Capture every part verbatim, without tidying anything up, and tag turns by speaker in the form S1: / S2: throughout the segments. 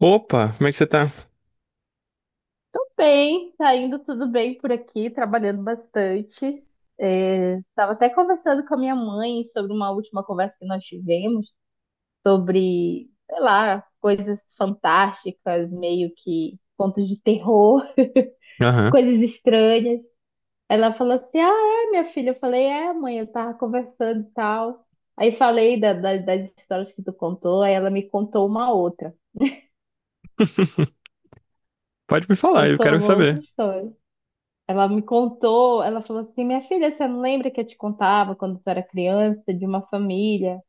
S1: Opa, como é que você tá?
S2: Bem, tá indo tudo bem por aqui, trabalhando bastante. É, estava até conversando com a minha mãe sobre uma última conversa que nós tivemos, sobre, sei lá, coisas fantásticas, meio que contos de terror,
S1: Aham.
S2: coisas estranhas. Ela falou assim: Ah, é, minha filha. Eu falei: É, mãe, eu tava conversando e tal. Aí falei da- da- das histórias que tu contou, aí ela me contou uma outra.
S1: Pode me falar, eu
S2: Contou
S1: quero
S2: uma outra
S1: saber.
S2: história. Ela me contou, ela falou assim: minha filha, você não lembra que eu te contava quando tu era criança, de uma família?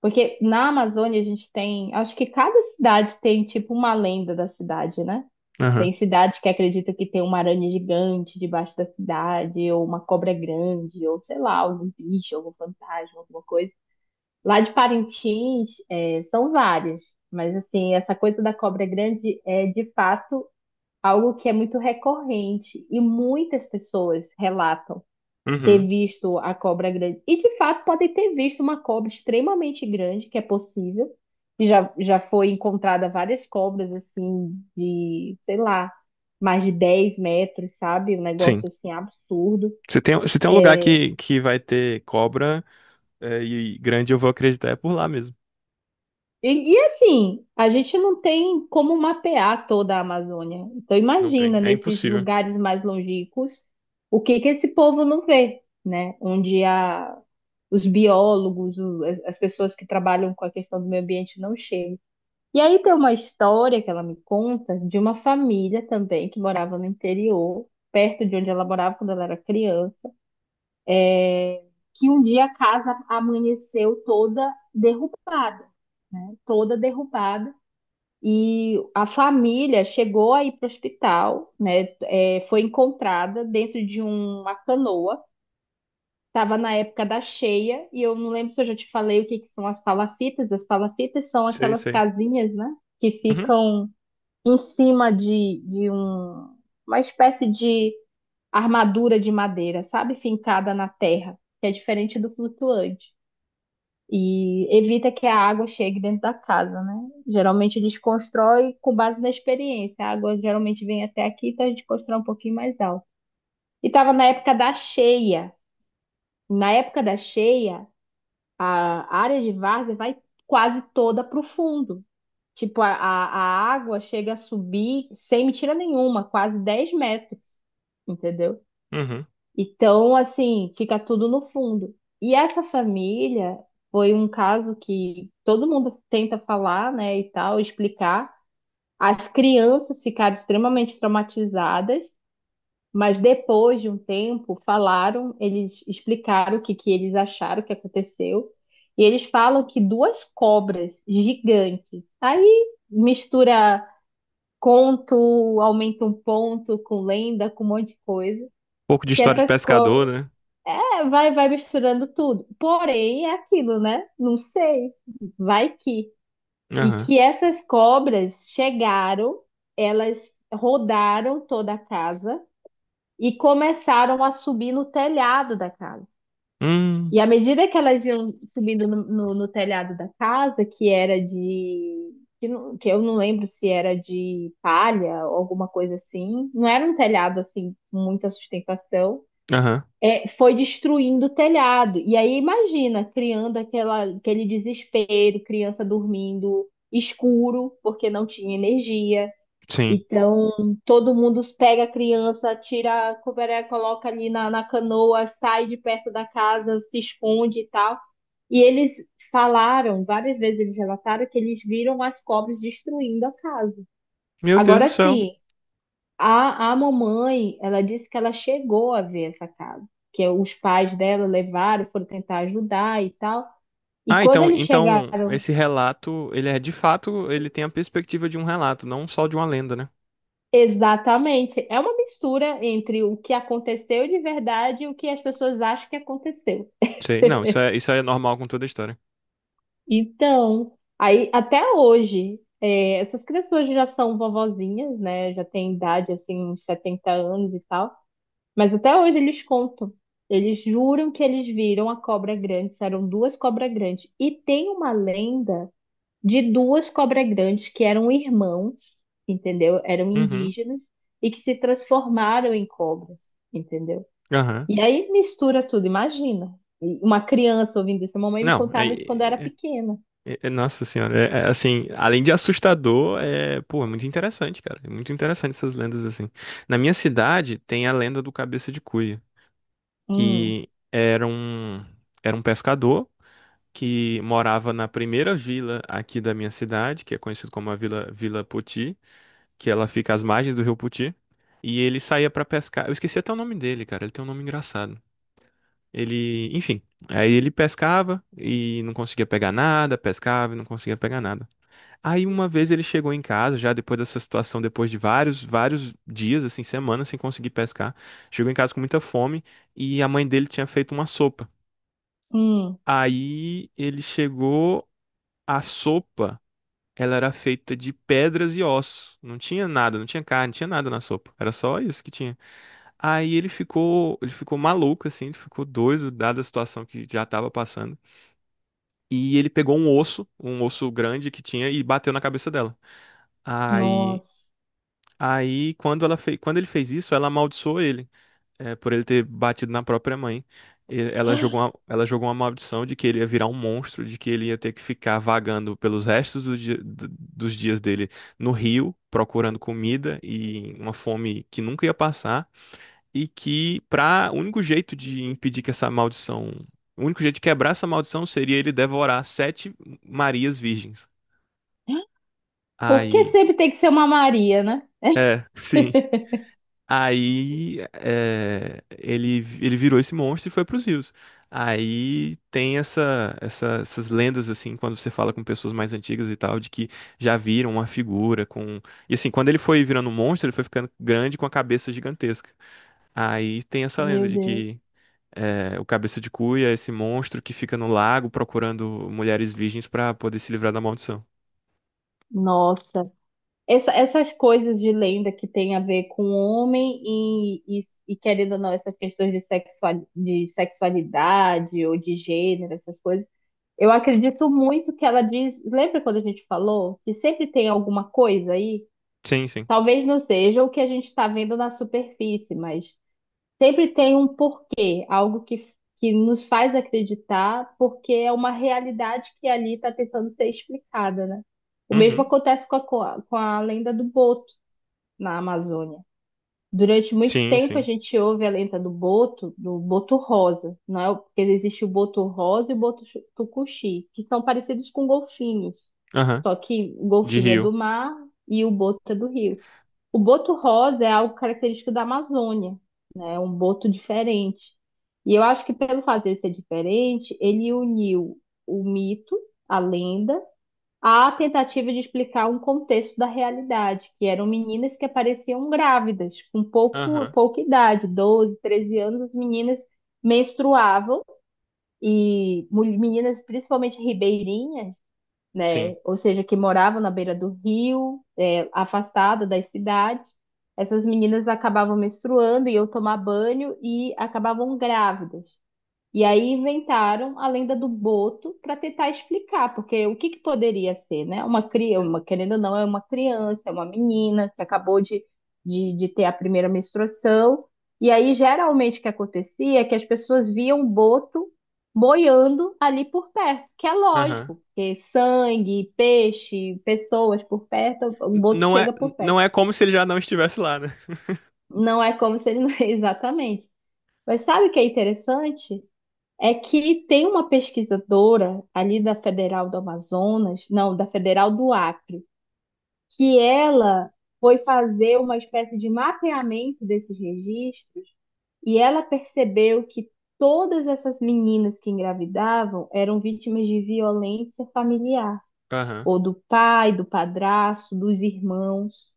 S2: Porque na Amazônia a gente tem, acho que cada cidade tem tipo uma lenda da cidade, né?
S1: Aham.
S2: Tem cidade que acredita que tem uma aranha gigante debaixo da cidade, ou uma cobra grande, ou sei lá, algum bicho, algum fantasma, alguma coisa. Lá de Parintins, é, são várias, mas assim, essa coisa da cobra grande é de fato algo que é muito recorrente e muitas pessoas relatam
S1: Uhum.
S2: ter visto a cobra grande. E de fato podem ter visto uma cobra extremamente grande, que é possível. E já, já foi encontrada várias cobras assim de, sei lá, mais de dez metros, sabe? Um
S1: Sim.
S2: negócio assim absurdo.
S1: Se tem, se tem um lugar que, que vai ter cobra é, e grande, eu vou acreditar, é por lá mesmo.
S2: E, e assim, a gente não tem como mapear toda a Amazônia. Então
S1: Não tem.
S2: imagina
S1: É
S2: nesses
S1: impossível.
S2: lugares mais longínquos o que que esse povo não vê, né? Onde a, os biólogos, o- as as pessoas que trabalham com a questão do meio ambiente não chegam. E aí tem uma história que ela me conta de uma família também que morava no interior, perto de onde ela morava quando ela era criança, que um dia a casa amanheceu toda derrubada, toda derrubada. E a família chegou aí para o hospital, né? É, foi encontrada dentro de uma canoa. Tava na época da cheia, e eu não lembro se eu já te falei o que que são as palafitas. As palafitas são
S1: Sei,
S2: aquelas
S1: sei.
S2: casinhas, né? Que
S1: Uhum.
S2: ficam em cima de, de um, uma espécie de armadura de madeira, sabe? Fincada na terra, que é diferente do flutuante. E evita que a água chegue dentro da casa, né? Geralmente eles constroem com base na experiência. A água geralmente vem até aqui, então a gente constrói um pouquinho mais alto. E tava na época da cheia. Na época da cheia, a área de várzea vai quase toda para o fundo. Tipo, a, a a água chega a subir sem mentira nenhuma, quase dez metros, entendeu?
S1: Uhum.
S2: Então, assim, fica tudo no fundo. E essa família foi um caso que todo mundo tenta falar, né, e tal, explicar. As crianças ficaram extremamente traumatizadas, mas depois de um tempo, falaram, eles explicaram o que, que eles acharam que aconteceu. E eles falam que duas cobras gigantes. Aí mistura conto, aumenta um ponto com lenda, com um monte de coisa.
S1: Pouco de
S2: Que
S1: história de
S2: essas
S1: pescador,
S2: cobras.
S1: né?
S2: É, vai, vai misturando tudo. Porém, é aquilo, né? Não sei. Vai que. E
S1: Aham.
S2: que essas cobras chegaram, elas rodaram toda a casa e começaram a subir no telhado da casa.
S1: Hum.
S2: E à medida que elas iam subindo no, no- no telhado da casa, que era de. Que, não- que eu não lembro se era de palha ou alguma coisa assim, não era um telhado assim, com muita sustentação,
S1: Aham.
S2: é, foi destruindo o telhado. E aí imagina, criando aquela, aquele desespero, criança dormindo escuro, porque não tinha energia.
S1: Sim.
S2: Então, todo mundo pega a criança, tira a coberé, coloca ali na, na canoa, sai de perto da casa, se esconde e tal. E eles falaram, várias vezes eles relataram que eles viram as cobras destruindo a casa.
S1: Meu Deus do
S2: Agora
S1: céu.
S2: sim, a, a mamãe, ela disse que ela chegou a ver essa casa, que os pais dela levaram, foram tentar ajudar e tal. E
S1: Ah,
S2: quando
S1: então,
S2: eles
S1: então
S2: chegaram.
S1: esse relato, ele é de fato, ele tem a perspectiva de um relato, não só de uma lenda, né?
S2: Exatamente. É uma mistura entre o que aconteceu de verdade e o que as pessoas acham que aconteceu.
S1: Sei. Não, isso é, isso é normal com toda a história.
S2: Então, aí até hoje, é, essas crianças hoje já são vovozinhas, né? Já têm idade, assim, uns setenta anos e tal. Mas até hoje eles contam. Eles juram que eles viram a cobra grande, isso eram duas cobras grandes. E tem uma lenda de duas cobras grandes que eram irmãos, entendeu? Eram
S1: Uhum.
S2: indígenas e que se transformaram em cobras. Entendeu?
S1: Aham.
S2: E aí mistura tudo, imagina. E uma criança ouvindo isso. A mamãe me
S1: Não, é,
S2: contava isso quando eu era
S1: é-
S2: pequena.
S1: é- é- nossa senhora, é- é, assim, além de assustador, é, pô, é muito interessante, cara. É muito interessante essas lendas assim. Na minha cidade tem a lenda do Cabeça de Cuia,
S2: Hum,
S1: que era um era um pescador que morava na primeira vila aqui da minha cidade, que é conhecido como a Vila Vila Poti, que ela fica às margens do Rio Poti, e ele saía pra pescar. Eu esqueci até o nome dele, cara, ele tem um nome engraçado. Ele, enfim, aí ele pescava e não conseguia pegar nada, pescava e não conseguia pegar nada. Aí uma vez ele chegou em casa, já depois dessa situação, depois de vários, vários dias, assim, semanas sem conseguir pescar, chegou em casa com muita fome e a mãe dele tinha feito uma sopa.
S2: hum,
S1: Aí ele chegou, a sopa, ela era feita de pedras e ossos. Não tinha nada, não tinha carne, não tinha nada na sopa. Era só isso que tinha. Aí ele ficou, ele ficou maluco assim, ele ficou doido dada a situação que já estava passando. E ele pegou um osso, um osso grande que tinha, e bateu na cabeça dela. Aí,
S2: nossa.
S1: aí quando ela fez, quando ele fez isso, ela amaldiçoou ele, é, por ele ter batido na própria mãe. E ela jogou uma, ela jogou uma maldição de que ele ia virar um monstro, de que ele ia ter que ficar vagando pelos restos do dia- do- dos dias dele no rio, procurando comida e uma fome que nunca ia passar e que para o único jeito de impedir que essa maldição, o único jeito de quebrar essa maldição seria ele devorar sete Marias virgens.
S2: Por que
S1: Aí,
S2: sempre tem que ser uma Maria, né?
S1: é, sim. Aí é, ele ele virou esse monstro e foi para os rios. Aí tem essa, essa- essas lendas assim quando você fala com pessoas mais antigas e tal de que já viram uma figura com e assim quando ele foi virando um monstro ele foi ficando grande com a cabeça gigantesca. Aí tem essa lenda
S2: Meu
S1: de
S2: Deus.
S1: que é, o Cabeça de Cuia é esse monstro que fica no lago procurando mulheres virgens pra poder se livrar da maldição.
S2: Nossa. Essa- essas coisas de lenda que tem a ver com o homem e, e, e, querendo ou não, essas questões de, sexual, de sexualidade ou de gênero, essas coisas. Eu acredito muito que ela diz. Lembra quando a gente falou que sempre tem alguma coisa aí?
S1: Sim, sim.
S2: Talvez não seja o que a gente está vendo na superfície, mas sempre tem um porquê, algo que, que nos faz acreditar, porque é uma realidade que ali está tentando ser explicada, né? O mesmo
S1: Uhum.
S2: acontece com a, com a, com a lenda do boto na Amazônia. Durante muito
S1: Sim,
S2: tempo a
S1: sim.
S2: gente ouve a lenda do boto, do boto rosa, não é? Porque existe o boto rosa e o boto chu- tucuxi, que são parecidos com golfinhos.
S1: Aham.
S2: Só que o
S1: De
S2: golfinho é do
S1: rio.
S2: mar e o boto é do rio. O boto rosa é algo característico da Amazônia, né? É um boto diferente. E eu acho que pelo fato de ser diferente, ele uniu o mito, a lenda, à tentativa de explicar um contexto da realidade, que eram meninas que apareciam grávidas, com pouco,
S1: Aham.
S2: pouca idade, doze, treze anos, as meninas menstruavam, e mul- meninas, principalmente ribeirinhas, né?
S1: Sim.
S2: Ou seja, que moravam na beira do rio, é, afastada das cidades. Essas meninas acabavam menstruando e eu tomar banho e acabavam grávidas. E aí inventaram a lenda do boto para tentar explicar, porque o que que poderia ser, né? Uma criança, uma, querendo ou não, é uma criança, é uma menina que acabou de, de, de ter a primeira menstruação. E aí, geralmente, o que acontecia é que as pessoas viam o boto boiando ali por perto, que é
S1: Aham.
S2: lógico, porque sangue, peixe, pessoas por perto, o
S1: N-
S2: boto
S1: Não é,
S2: chega por
S1: não
S2: perto.
S1: é como se ele já não estivesse lá, né?
S2: Não é como se ele não. Exatamente. Mas sabe o que é interessante? É que tem uma pesquisadora ali da Federal do Amazonas, não, da Federal do Acre, que ela foi fazer uma espécie de mapeamento desses registros e ela percebeu que todas essas meninas que engravidavam eram vítimas de violência familiar,
S1: Aham.
S2: ou do pai, do padrasto, dos irmãos,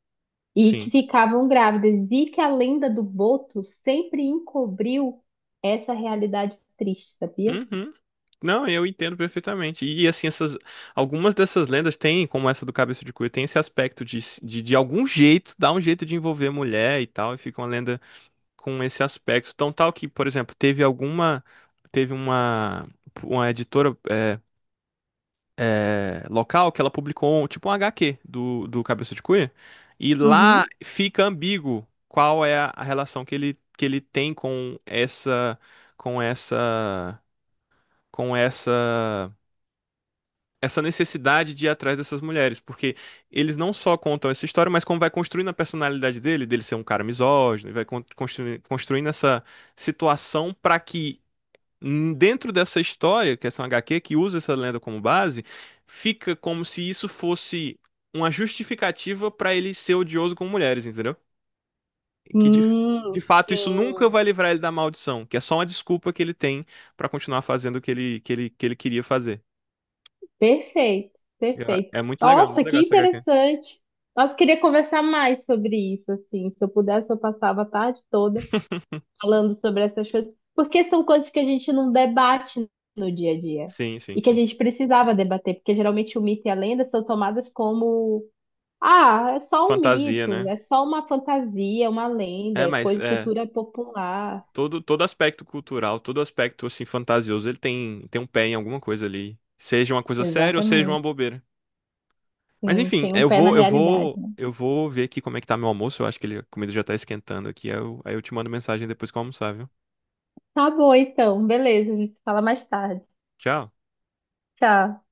S2: e que
S1: Sim.
S2: ficavam grávidas, e que a lenda do boto sempre encobriu essa realidade triste, sabia?
S1: Uhum. Não, eu entendo perfeitamente. E assim, essas, algumas dessas lendas têm, como essa do Cabeça de Cuia, tem esse aspecto de, de, de, algum jeito, dar um jeito de envolver a mulher e tal, e fica uma lenda com esse aspecto tão tal que, por exemplo, teve alguma, teve uma, uma editora é, é, local que ela publicou tipo um H Q do, do Cabeça de Cuia e lá
S2: Uhum.
S1: fica ambíguo qual é a a relação que ele, que ele tem com essa, com essa, com essa essa necessidade de ir atrás dessas mulheres, porque eles não só contam essa história, mas como vai construindo a personalidade dele, dele ser um cara misógino, e vai con- construi- construindo essa situação para que hum, dentro dessa história, que é uma H Q que usa essa lenda como base, fica como se isso fosse uma justificativa para ele ser odioso com mulheres, entendeu? Que de, de
S2: Hum,
S1: fato isso nunca vai
S2: sim.
S1: livrar ele da maldição, que é só uma desculpa que ele tem para continuar fazendo o que ele, que ele, que ele queria fazer.
S2: Perfeito, perfeito.
S1: É é muito legal, muito
S2: Nossa, que
S1: legal essa H Q.
S2: interessante. Nossa, queria conversar mais sobre isso, assim. Se eu pudesse, eu passava a tarde toda falando sobre essas coisas, porque são coisas que a gente não debate no dia a dia
S1: Sim, sim,
S2: e que a
S1: sim.
S2: gente precisava debater, porque geralmente o mito e a lenda são tomadas como, ah, é só um
S1: Fantasia,
S2: mito,
S1: né?
S2: é só uma fantasia, uma lenda,
S1: É,
S2: é
S1: mas
S2: coisa,
S1: é
S2: cultura popular.
S1: todo todo aspecto cultural, todo aspecto assim fantasioso, ele tem tem um pé em alguma coisa ali, seja uma coisa séria ou seja uma
S2: Exatamente.
S1: bobeira. Mas
S2: Sim,
S1: enfim,
S2: tem um
S1: eu
S2: pé na
S1: vou eu
S2: realidade,
S1: vou
S2: né?
S1: eu vou ver aqui como é que tá meu almoço, eu acho que ele, a comida já tá esquentando aqui, aí eu, aí eu te mando mensagem depois que eu almoçar, viu?
S2: Tá bom, então. Beleza, a gente fala mais tarde.
S1: Tchau.
S2: Tchau.